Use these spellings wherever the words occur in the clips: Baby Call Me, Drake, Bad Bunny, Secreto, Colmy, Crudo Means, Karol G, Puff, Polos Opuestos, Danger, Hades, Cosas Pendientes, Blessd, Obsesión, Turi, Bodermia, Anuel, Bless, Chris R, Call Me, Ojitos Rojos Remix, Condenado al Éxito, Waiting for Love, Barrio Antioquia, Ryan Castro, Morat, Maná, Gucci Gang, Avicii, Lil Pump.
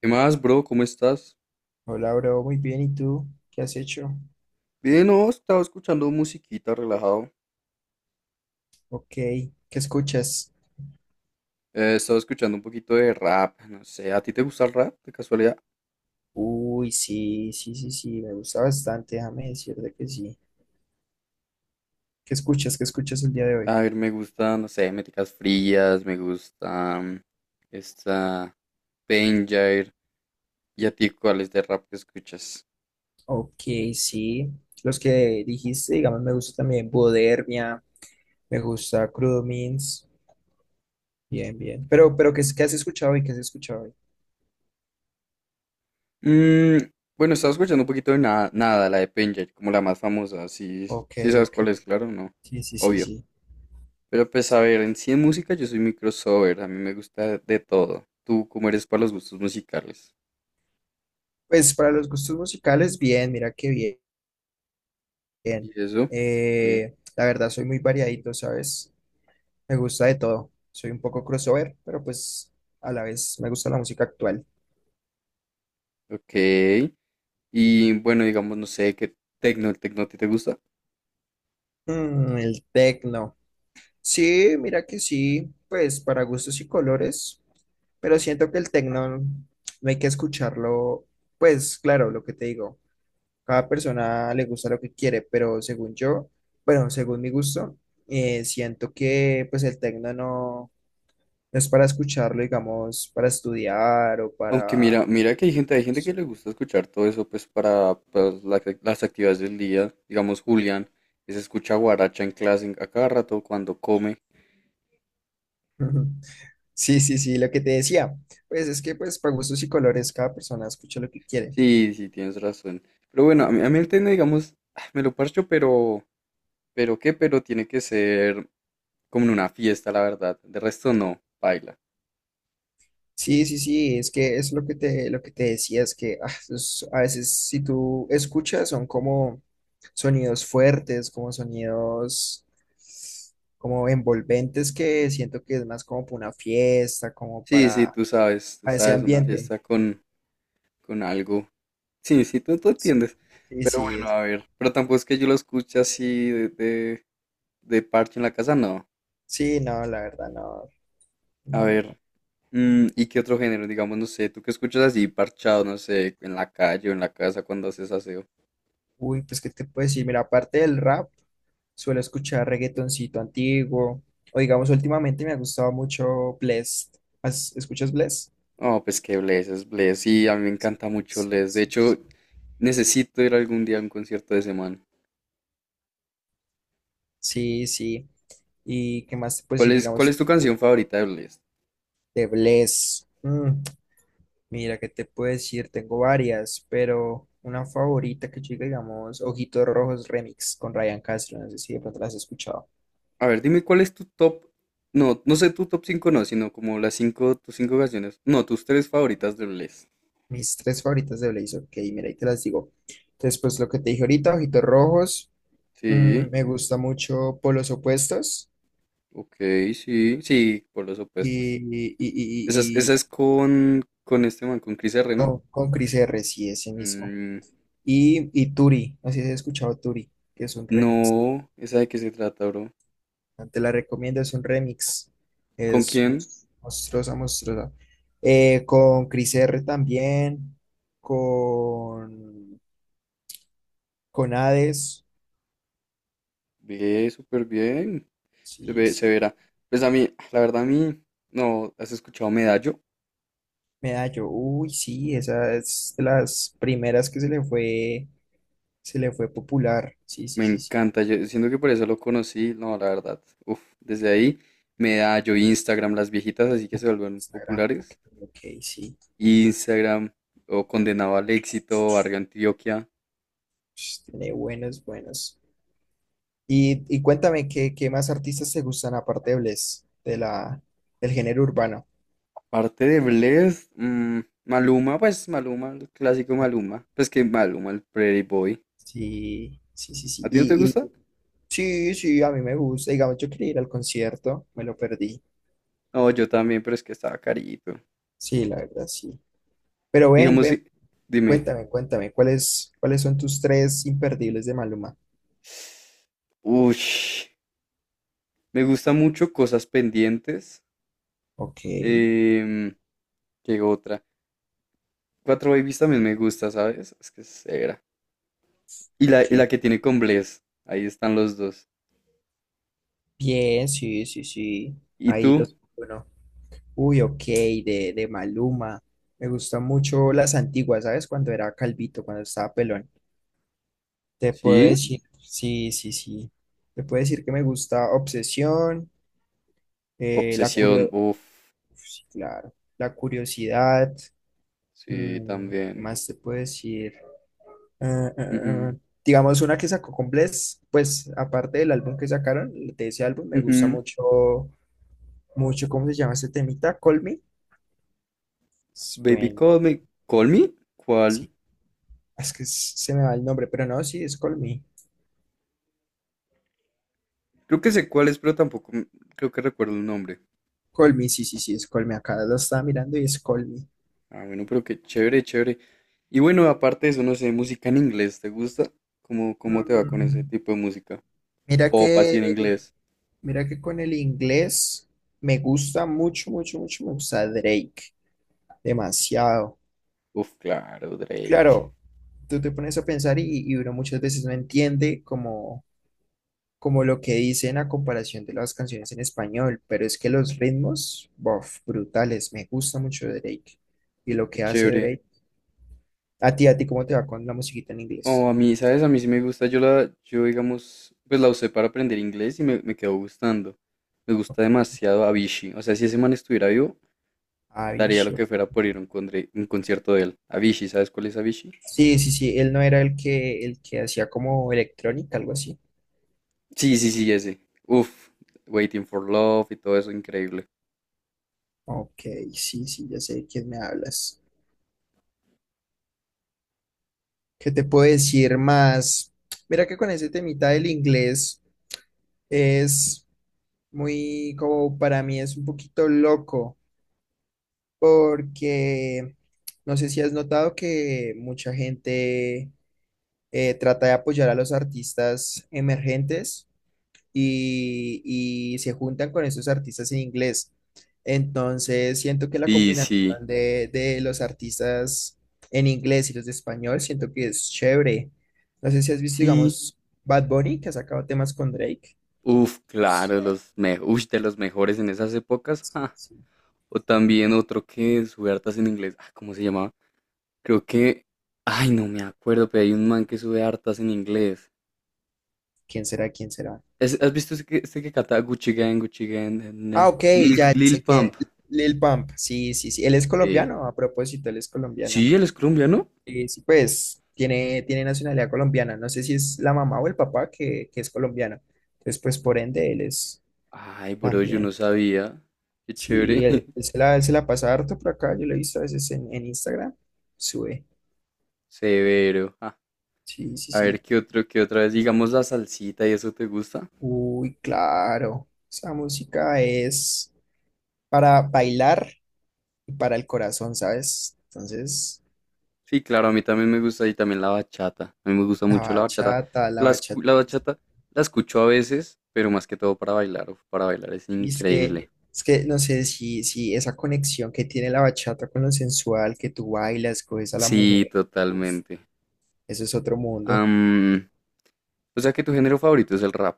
¿Qué más, bro? ¿Cómo estás? Hola, bro, muy bien. ¿Y tú? ¿Qué has hecho? Bien, no, estaba escuchando musiquita, relajado. Ok, ¿qué escuchas? Estaba escuchando un poquito de rap, no sé, ¿a ti te gusta el rap de casualidad? Uy, sí, sí, sí, sí, me gusta bastante, déjame decirte que sí. ¿Qué escuchas? ¿Qué escuchas el día de hoy? A ver, me gusta, no sé, Métricas Frías, me gusta esta Danger. ¿Y a ti cuáles de rap que escuchas? Ok, sí, los que dijiste, digamos, me gusta también Bodermia, me gusta Crudo Means, bien, bien. Pero, ¿qué, qué has escuchado hoy? ¿Qué has escuchado hoy? Mm, bueno, estaba escuchando un poquito de nada, la de Danger, como la más famosa, sí, Ok, sí sabes ok, cuál es, claro, no, sí, sí, sí, obvio. sí. Pero pues a ver, en sí en música yo soy muy crossover, a mí me gusta de todo. ¿Tú cómo eres para los gustos musicales? Pues para los gustos musicales, bien, mira qué bien. ¿Y eso? Sí, La verdad, soy muy variadito, ¿sabes? Me gusta de todo. Soy un poco crossover, pero pues a la vez me gusta la música actual. ok. Y bueno, digamos, no sé, qué tecno, el tecno a ti te gusta. El tecno. Sí, mira que sí, pues para gustos y colores, pero siento que el tecno no hay que escucharlo. Pues claro, lo que te digo, cada persona le gusta lo que quiere, pero según yo, bueno, según mi gusto, siento que pues el tecno no, no es para escucharlo, digamos, para estudiar o Aunque para... mira que hay gente que le gusta escuchar todo eso, pues para, pues, las actividades del día. Digamos, Julián, que se escucha guaracha en clase a cada rato cuando come. Ujú. Sí, sí, sí, lo que te decía, pues es que pues para gustos y colores cada persona escucha lo que quiere. Sí, sí, tienes razón. Pero bueno, a mí el tecno, digamos, ah, me lo parcho, pero, pero tiene que ser como en una fiesta, la verdad. De resto no, baila. Sí, sí, sí, es que es lo que te decía, es que a veces si tú escuchas son como sonidos fuertes, como sonidos como envolventes que siento que es más como para una fiesta, como Sí, sí, tú sabes, tú para ese sabes, una ambiente. fiesta con algo. Sí, sí, tú entiendes. Sí, Pero sí, bueno, a ver. Pero tampoco es que yo lo escuche así de parche en la casa, no. sí, no, la verdad, no, A no, no. No. ver. ¿Y qué otro género? Digamos, no sé, tú qué escuchas así parchado, no sé, en la calle o en la casa cuando haces aseo. Uy, pues qué te puedo decir, mira, aparte del rap, suelo escuchar reggaetoncito antiguo, o digamos, últimamente me ha gustado mucho Blessd. ¿Escuchas Blessd? Oh, pues que Bless es Bless. Sí, a mí me encanta mucho Bless. De hecho, necesito ir algún día a un concierto de ese man. Sí, sí. ¿Y qué más te puedo decir, ¿cuál digamos, es tu canción favorita de Bless? de Blessd? Mira, qué te puedo decir, tengo varias, pero una favorita que yo diga, digamos, Ojitos Rojos Remix con Ryan Castro, no sé si de pronto las has escuchado. A ver, dime cuál es tu top. No, no sé tu top 5 no, sino como las 5 tus 5 canciones. No, tus 3 favoritas de Bless. Mis tres favoritas de Blaze, ok, mira, ahí te las digo. Entonces pues lo que te dije ahorita, Ojitos Rojos. Sí. Me gusta mucho Polos Opuestos Ok, sí, sí, por los y, opuestos. y, y, y- Esa y- es con este man, con Chris R, ¿no? oh, con Chris R, sí, ese mismo. Mm, Y Turi, así he escuchado Turi, que es un remix. no, ¿esa de qué se trata, bro? Te la recomiendo, es un remix. ¿Con Es quién? Monstruosa, monstruosa. Con Chris R también, con, con Hades, Ve, súper bien. Sí, Se sí. verá. Pues a mí, la verdad, a mí, no, ¿has escuchado Medallo? Medallo, uy, sí, esa es de las primeras que se le fue popular, sí, sí, Me sí. Sí. encanta, yo siento que por eso lo conocí, no, la verdad. Uf, desde ahí, Medallo, Instagram, las viejitas, así que se vuelven Instagram, ok, populares. ok, sí. Instagram, o Condenado al Éxito, Barrio Antioquia. Sh, tiene buenos, buenos. Y cuéntame, ¿qué, qué más artistas te gustan aparte de Bless, del género urbano? Parte de Blessd, Maluma, pues Maluma, el clásico Maluma. Pues que Maluma, el Pretty Boy. Sí, sí, sí, ¿A sí. ti no te Y, gusta? y sí, sí, a mí me gusta. Digamos, yo quería ir al concierto, me lo perdí. No, yo también, pero es que estaba carito. Sí, la verdad, sí. Pero ven, Digamos, ven, si- dime. cuéntame, cuéntame, ¿cuáles, cuáles son tus tres imperdibles de Maluma? Uy, me gusta mucho Cosas Pendientes. Ok, em, ¿Qué otra? Cuatro Babies también me gusta, ¿sabes? Es que es severa. Ok. Y la que tiene con Bless. Ahí están los dos. Bien, sí, sí, sí. ¿Y Ahí dos, tú? por uno. Uy, ok, de Maluma. Me gustan mucho las antiguas, ¿sabes? Cuando era calvito, cuando estaba pelón. Te puedo ¿Sí? decir, sí, sí, sí. Te puedo decir que me gusta Obsesión, eh, la Obsesión. curio- Uf. claro, la curiosidad. Sí, ¿Qué también. más te puedo decir? Eh, eh, Ujú, eh, digamos una que sacó con Bless, pues aparte del álbum que sacaron, de ese álbum me gusta ujú. mucho, mucho, ¿cómo se llama ese temita? Call Me. Es Baby buen- Call Me. ¿Call Me? ¿Cuál? sí, es que se me va el nombre, pero no, sí, es Colmy. Creo que sé cuál es, pero tampoco m- creo que recuerdo el nombre. Colmy, sí, sí, sí, es Colmy. Acá lo estaba mirando y es Colmy. Ah, bueno, pero qué chévere, chévere. Y bueno, aparte de eso, no sé, música en inglés, ¿te gusta? ¿Cómo te va con ese Mm, tipo de música? Mira Pop así en que, inglés. Mira que con el inglés me gusta mucho, mucho, mucho, me gusta Drake. Demasiado. Uf, claro, Drake. Claro, tú te pones a pensar y uno muchas veces no entiende como lo que dicen a comparación de las canciones en español, pero es que los ritmos, bof, brutales. Me gusta mucho Drake. Y lo Qué que hace chévere. Drake... A ti, ¿cómo te va con la musiquita en Oh, inglés? a mí, ¿sabes? A mí sí me gusta. Yo digamos, pues la usé para aprender inglés y me quedó gustando. Me gusta Ok. demasiado Avicii. O sea, si ese man estuviera vivo, Ay, daría lo shit. que fuera por ir a un, un concierto de él. Avicii, ¿sabes cuál es Avicii? Sí, sí, sí, él no era el que hacía como electrónica, algo así. Sí, sí, sí, ese. Uf, Waiting for Love y todo eso, increíble. Ok, sí, sí, ya sé de quién me hablas. ¿Qué te puedo decir más? Mira que con ese temita del inglés es muy, como para mí es un poquito loco, porque no sé si has notado que mucha gente trata de apoyar a los artistas emergentes. y, y se juntan con esos artistas en inglés. Entonces, siento que la Sí, combinación sí, de los artistas en inglés y los de español, siento que es chévere. No sé si has visto, sí. digamos, Bad Bunny, que ha sacado temas con Drake. Uf, claro, los me ush, de los mejores en esas épocas. Ja. O también otro que sube hartas en inglés. Ah, ¿cómo se llamaba? Creo que. Ay, no me acuerdo, pero hay un man que sube hartas en inglés. ¿Quién será? ¿Quién será? ¿Has visto ese que canta Gucci Gang, Gucci Gang? Ah, ok, ya Lil sé quién. Pump. Lil Pump. Sí, sí, sí. Él es Sí. colombiano, a propósito, él es colombiano. Sí, él es colombiano. Sí, pues tiene, tiene nacionalidad colombiana. No sé si es la mamá o el papá que es colombiano. Entonces, pues por ende, él es Ay, bro, yo también. no sabía. Qué chévere. Sí, él, él se la pasa harto por acá. Yo lo he visto a veces en Instagram. Sube. Severo. Sí, sí, A sí. ver, ¿qué otro, qué otra vez? Digamos la salsita y eso te gusta. Uy, claro. Esa música es para bailar y para el corazón, ¿sabes? Entonces, Sí, claro, a mí también me gusta y también la bachata. A mí me gusta la mucho la bachata. bachata, la bachata... La bachata la escucho a veces, pero más que todo para bailar. Uf, para bailar es Y increíble. Es que no sé si, si esa conexión que tiene la bachata con lo sensual, que tú bailas, coges a la Sí, mujer, uf, totalmente. eso es otro mundo. Am, o sea que tu género favorito es el rap.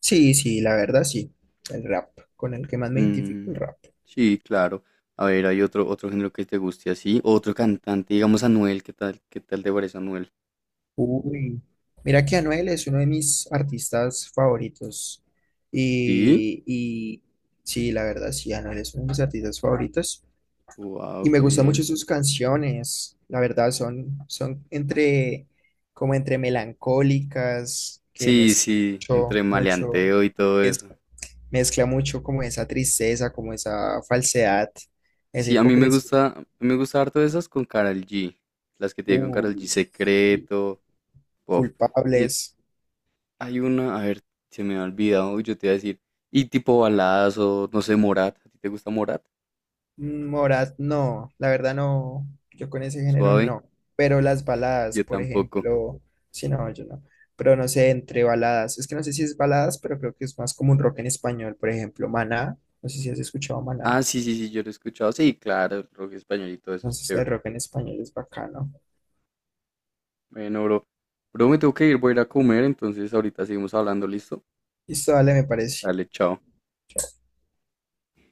Sí, sí, la verdad sí. El rap, con el que más me identifico, el Mm, rap. sí, claro. A ver, hay otro, otro género que te guste así. Otro cantante, digamos Anuel, ¿qué tal? ¿Qué tal te parece Anuel? Uy, mira que Anuel es uno de mis artistas favoritos. Sí. Y sí, la verdad sí, Anuel es uno de mis artistas favoritos. Wow, Y me qué gustan bien. mucho sus canciones, la verdad, son, son entre, como entre melancólicas, que Sí, mezcla sí, entre mucho, mucho, maleanteo y todo es- eso. mezcla mucho como esa tristeza, como esa falsedad, esa Sí, a mí hipocresía, me gusta harto esas con Karol G. Las que tiene con Karol G, uy, y Secreto, Puff. Y culpables. hay una, a ver, se me ha olvidado, yo te iba a decir. Y tipo baladas o, no sé, Morat. ¿A ti te gusta Morat? Morat, no, la verdad no, yo con ese género Suave, no, pero las baladas, yo por tampoco. ejemplo, sí, no, yo no, pero no sé, entre baladas, es que no sé si es baladas, pero creo que es más como un rock en español, por ejemplo, Maná, no sé si has escuchado Maná, Ah, sí, sí, sí, yo lo he escuchado. Sí, claro, el rock español y todo eso es entonces el chévere. rock en español es bacano, Bueno, bro, bro, me tengo que ir, voy a ir a comer, entonces ahorita seguimos hablando, ¿listo? y esto dale, me parece. Dale, chao.